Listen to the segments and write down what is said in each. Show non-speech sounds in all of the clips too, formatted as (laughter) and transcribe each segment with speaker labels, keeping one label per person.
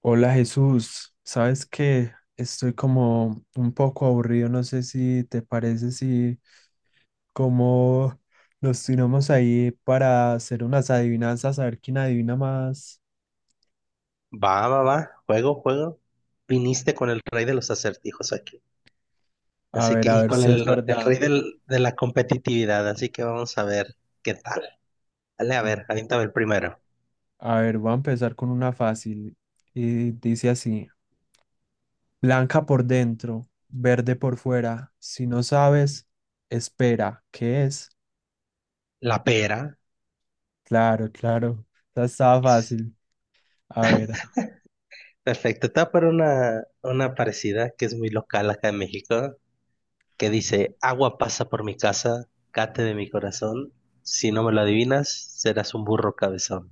Speaker 1: Hola Jesús, sabes que estoy como un poco aburrido, no sé si te parece si como nos tiramos ahí para hacer unas adivinanzas, a ver quién adivina más,
Speaker 2: Va, va, va, juego, juego. Viniste con el rey de los acertijos aquí. Así que,
Speaker 1: a
Speaker 2: y
Speaker 1: ver
Speaker 2: con
Speaker 1: si es
Speaker 2: el
Speaker 1: verdad.
Speaker 2: rey de la competitividad, así que vamos a ver qué tal. Dale, a
Speaker 1: Mm,
Speaker 2: ver, avíntame el primero.
Speaker 1: A ver, voy a empezar con una fácil y dice así, blanca por dentro, verde por fuera, si no sabes, espera, ¿qué es?
Speaker 2: La pera.
Speaker 1: Claro, claro, esa estaba fácil, a ver.
Speaker 2: Perfecto, te voy a poner una parecida que es muy local acá en México, que dice, agua pasa por mi casa, cate de mi corazón, si no me lo adivinas, serás un burro cabezón.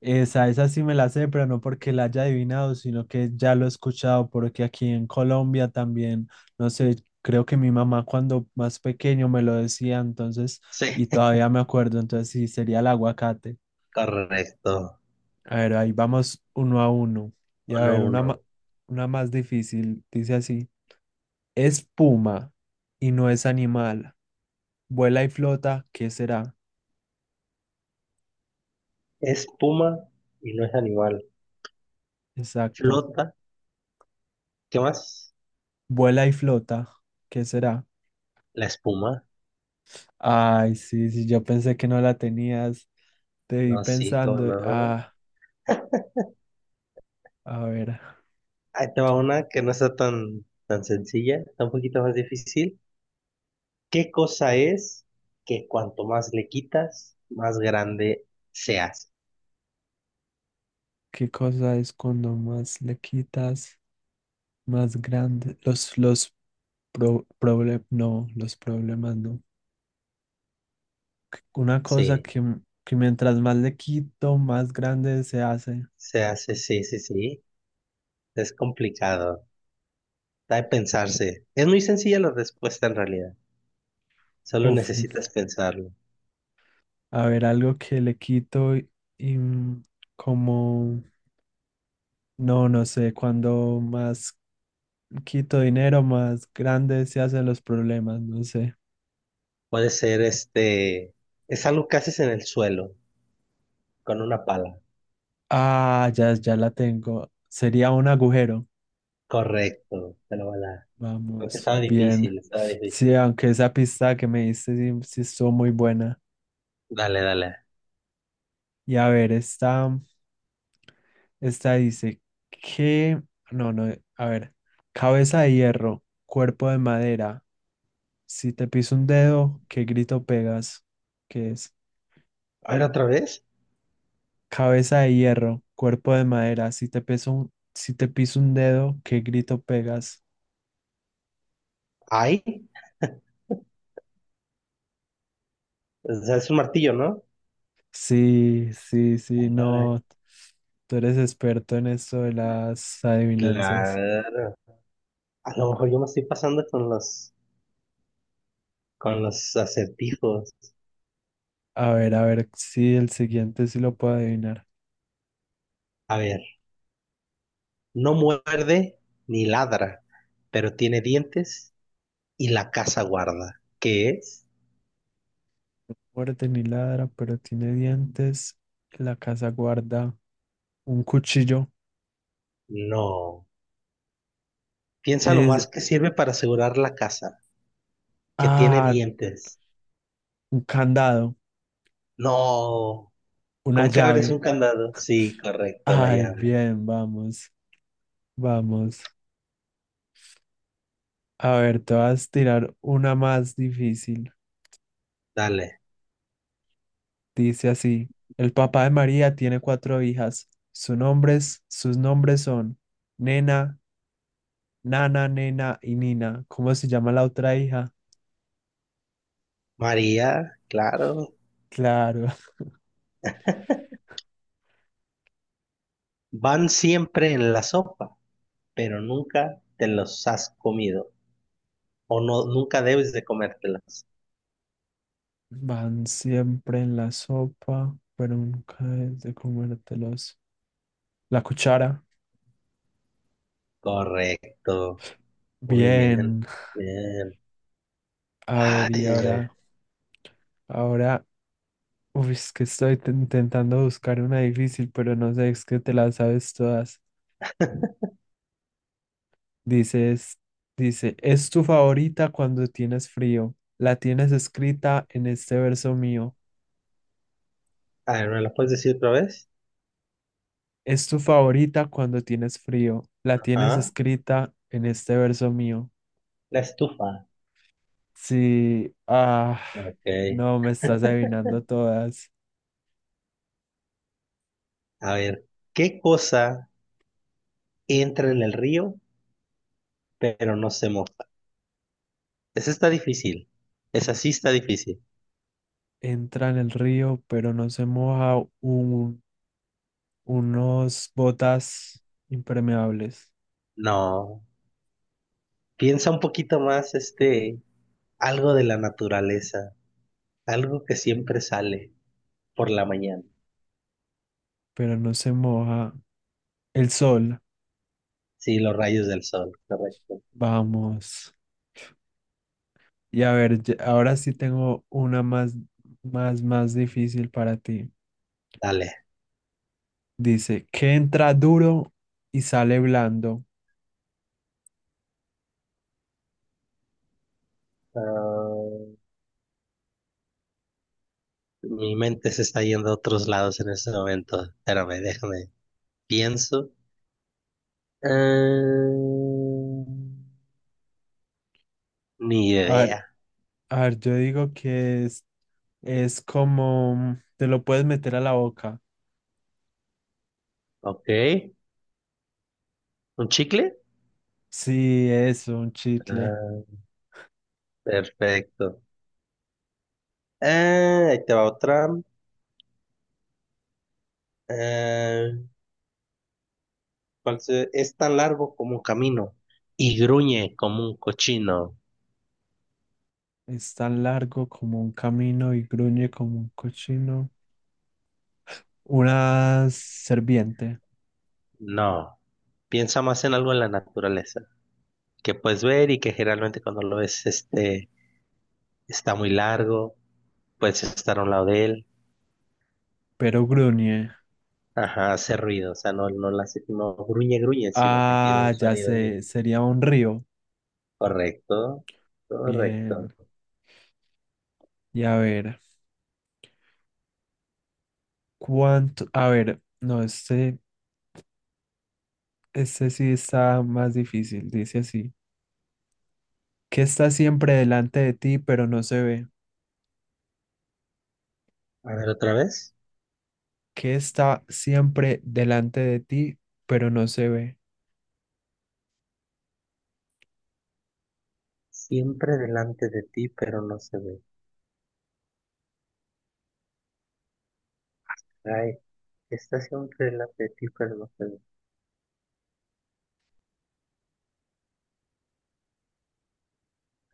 Speaker 1: Esa sí me la sé, pero no porque la haya adivinado, sino que ya lo he escuchado, porque aquí en Colombia también, no sé, creo que mi mamá cuando más pequeño me lo decía, entonces,
Speaker 2: Sí,
Speaker 1: y todavía me acuerdo, entonces sí, sería el aguacate.
Speaker 2: (laughs) correcto,
Speaker 1: A ver, ahí vamos uno a uno. Y a
Speaker 2: uno,
Speaker 1: ver,
Speaker 2: uno.
Speaker 1: una más difícil, dice así, es puma y no es animal, vuela y flota, ¿qué será?
Speaker 2: Es puma y no es animal,
Speaker 1: Exacto,
Speaker 2: flota. ¿Qué más?
Speaker 1: vuela y flota, ¿qué será?
Speaker 2: La espuma.
Speaker 1: Ay, sí, sí, yo pensé que no la tenías. Te vi
Speaker 2: No, sí, cómo
Speaker 1: pensando,
Speaker 2: no.
Speaker 1: ah, a ver,
Speaker 2: Ahí te va una que no está tan, tan sencilla, está un poquito más difícil. ¿Qué cosa es que cuanto más le quitas, más grande se hace?
Speaker 1: ¿qué cosa es cuando más le quitas, más grande? Los problemas, no, los problemas no. Una cosa
Speaker 2: Sí,
Speaker 1: que, que mientras más le quito, más grande se hace.
Speaker 2: se hace, sí, sí, sí. Es complicado. Da de pensarse. Es muy sencilla la respuesta en realidad. Solo
Speaker 1: Uf,
Speaker 2: necesitas pensarlo.
Speaker 1: a ver, algo que le quito y, como, no, no sé, cuando más quito dinero, más grande se hacen los problemas, no sé.
Speaker 2: Puede ser este. Es algo que haces en el suelo, con una pala.
Speaker 1: Ah, ya, ya la tengo. Sería un agujero.
Speaker 2: Correcto, te lo voy a dar. Porque
Speaker 1: Vamos,
Speaker 2: estaba
Speaker 1: bien.
Speaker 2: difícil, estaba
Speaker 1: Sí,
Speaker 2: difícil.
Speaker 1: aunque esa pista que me diste sí, sí estuvo muy buena.
Speaker 2: Dale, dale.
Speaker 1: Y a ver, esta dice que, no, no, a ver, cabeza de hierro, cuerpo de madera. Si te piso un dedo, ¿qué grito pegas? ¿Qué es?
Speaker 2: A ver, otra vez.
Speaker 1: Cabeza de hierro, cuerpo de madera. Si te piso un dedo, ¿qué grito pegas?
Speaker 2: Ay, o sea, es un martillo, ¿no?
Speaker 1: Sí, sí, sí,
Speaker 2: Ay,
Speaker 1: no. Tú eres experto en esto de las adivinanzas.
Speaker 2: claro. A lo mejor yo me estoy pasando con los acertijos.
Speaker 1: A ver si el siguiente sí lo puedo adivinar.
Speaker 2: A ver, no muerde ni ladra, pero tiene dientes y la casa guarda. ¿Qué es?
Speaker 1: Muerde ni ladra, pero tiene dientes. En la casa guarda un cuchillo.
Speaker 2: No. Piensa lo
Speaker 1: Es,
Speaker 2: más que sirve para asegurar la casa, que tiene
Speaker 1: ah,
Speaker 2: dientes.
Speaker 1: un candado,
Speaker 2: No.
Speaker 1: una
Speaker 2: ¿Con qué abres un
Speaker 1: llave.
Speaker 2: candado? Sí, correcto, la
Speaker 1: Ay,
Speaker 2: llave.
Speaker 1: bien, vamos, vamos. A ver, te vas a tirar una más difícil.
Speaker 2: Dale.
Speaker 1: Dice así, el papá de María tiene cuatro hijas. Sus nombres son Nena, Nana, Nena y Nina. ¿Cómo se llama la otra hija?
Speaker 2: María, claro.
Speaker 1: Claro.
Speaker 2: Van siempre en la sopa, pero nunca te los has comido o no, nunca debes de comértelas.
Speaker 1: Van siempre en la sopa, pero nunca es de comértelos. La cuchara.
Speaker 2: Correcto. Muy bien.
Speaker 1: Bien.
Speaker 2: Bien.
Speaker 1: A
Speaker 2: Ay,
Speaker 1: ver, y
Speaker 2: ay, ay.
Speaker 1: ahora, ahora, uy, es que estoy intentando buscar una difícil, pero no sé, es que te las sabes todas. Dices, dice, es tu favorita cuando tienes frío. La tienes escrita en este verso mío.
Speaker 2: A ver, ¿me lo puedes decir otra vez?
Speaker 1: Es tu favorita cuando tienes frío. La tienes
Speaker 2: Ajá.
Speaker 1: escrita en este verso mío.
Speaker 2: La estufa.
Speaker 1: Sí, ah,
Speaker 2: Ok.
Speaker 1: no, me estás adivinando todas.
Speaker 2: A ver, ¿qué cosa entra en el río pero no se moja? Esa está difícil. Esa sí está difícil.
Speaker 1: Entra en el río, pero no se moja unos botas impermeables,
Speaker 2: No. Piensa un poquito más, este, algo de la naturaleza, algo que siempre sale por la mañana.
Speaker 1: pero no se moja el sol.
Speaker 2: Sí, los rayos del sol, correcto.
Speaker 1: Vamos. Y a ver, ahora sí tengo una más, más, más difícil para ti.
Speaker 2: Dale.
Speaker 1: Dice, que entra duro y sale blando.
Speaker 2: Ah, mi mente se está yendo a otros lados en este momento. Espérame, déjame. Pienso. Ah, ni
Speaker 1: A
Speaker 2: idea.
Speaker 1: ver, a ver, yo digo que es como, te lo puedes meter a la boca.
Speaker 2: Ok. ¿Un chicle?
Speaker 1: Sí, eso, un chicle.
Speaker 2: Ah, perfecto. Ah, ahí te va otra. Ah, Es tan largo como un camino y gruñe como un cochino.
Speaker 1: Es tan largo como un camino y gruñe como un cochino. Una serpiente,
Speaker 2: No. Piensa más en algo en la naturaleza que puedes ver y que generalmente cuando lo ves, este, está muy largo, puedes estar a un lado de él,
Speaker 1: pero gruñe.
Speaker 2: ajá, hace ruido, o sea, no, no, la, no gruñe, gruñe, sino que tiene un
Speaker 1: Ah, ya
Speaker 2: sonido bien.
Speaker 1: sé, sería un río.
Speaker 2: Correcto, correcto.
Speaker 1: Bien. Y a ver, ¿cuánto? A ver, no, este sí está más difícil. Dice así. ¿Qué está siempre delante de ti, pero no se ve?
Speaker 2: A ver, otra vez.
Speaker 1: ¿Qué está siempre delante de ti, pero no se ve?
Speaker 2: Siempre delante de ti, pero no se ve. Ay, está siempre delante de ti, pero no se ve.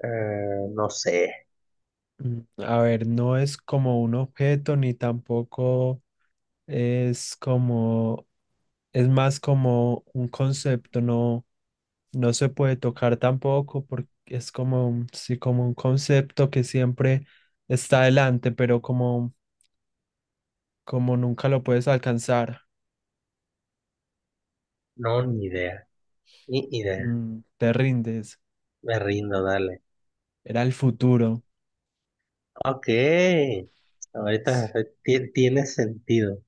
Speaker 2: No sé,
Speaker 1: A ver, no es como un objeto ni tampoco es como, es más como un concepto, no, no se puede tocar tampoco porque es como, sí, como un concepto que siempre está adelante, pero como, como nunca lo puedes alcanzar,
Speaker 2: no, ni idea, ni idea.
Speaker 1: mm, te rindes,
Speaker 2: Me rindo, dale.
Speaker 1: era el futuro.
Speaker 2: Ok, ahorita
Speaker 1: Sí,
Speaker 2: tiene sentido.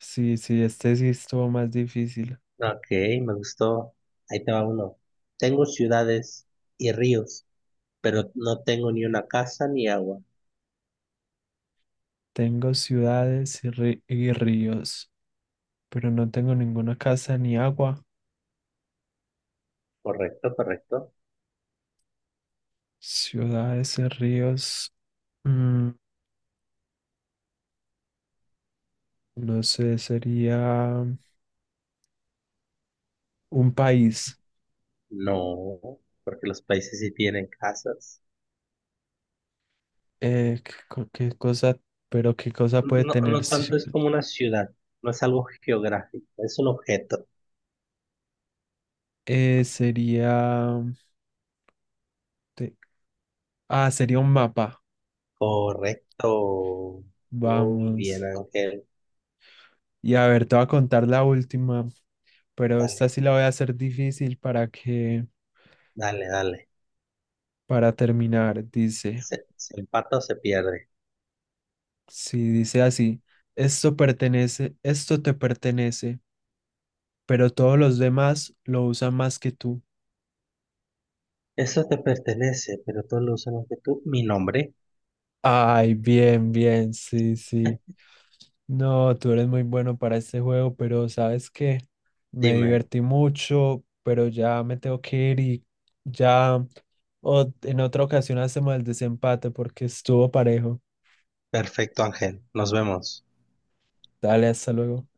Speaker 1: sí, sí, este sí estuvo más difícil.
Speaker 2: Ok, me gustó. Ahí te va uno. Tengo ciudades y ríos, pero no tengo ni una casa ni agua.
Speaker 1: Tengo ciudades y ríos, pero no tengo ninguna casa ni agua.
Speaker 2: Correcto, correcto.
Speaker 1: Ciudades y ríos, mm, no sé, sería un país.
Speaker 2: No, porque los países sí tienen casas.
Speaker 1: Qué cosa, pero qué cosa puede
Speaker 2: No,
Speaker 1: tener?
Speaker 2: no tanto es como una ciudad, no es algo geográfico, es un objeto.
Speaker 1: Eh, te- ah, sería un mapa.
Speaker 2: Correcto. Muy bien,
Speaker 1: Vamos.
Speaker 2: Ángel.
Speaker 1: Y a ver, te voy a contar la última, pero
Speaker 2: Dale,
Speaker 1: esta sí la voy a hacer difícil para que,
Speaker 2: dale, dale.
Speaker 1: para terminar. Dice,
Speaker 2: Se empata o se pierde.
Speaker 1: si dice así, esto te pertenece, pero todos los demás lo usan más que tú.
Speaker 2: Eso te pertenece, pero todos lo usamos que tú. Mi nombre,
Speaker 1: Ay, bien, bien, sí, sí.
Speaker 2: (laughs)
Speaker 1: No, tú eres muy bueno para este juego, pero sabes que me
Speaker 2: dime.
Speaker 1: divertí mucho, pero ya me tengo que ir y ya en otra ocasión hacemos el desempate porque estuvo parejo.
Speaker 2: Perfecto Ángel, nos vemos.
Speaker 1: Dale, hasta luego.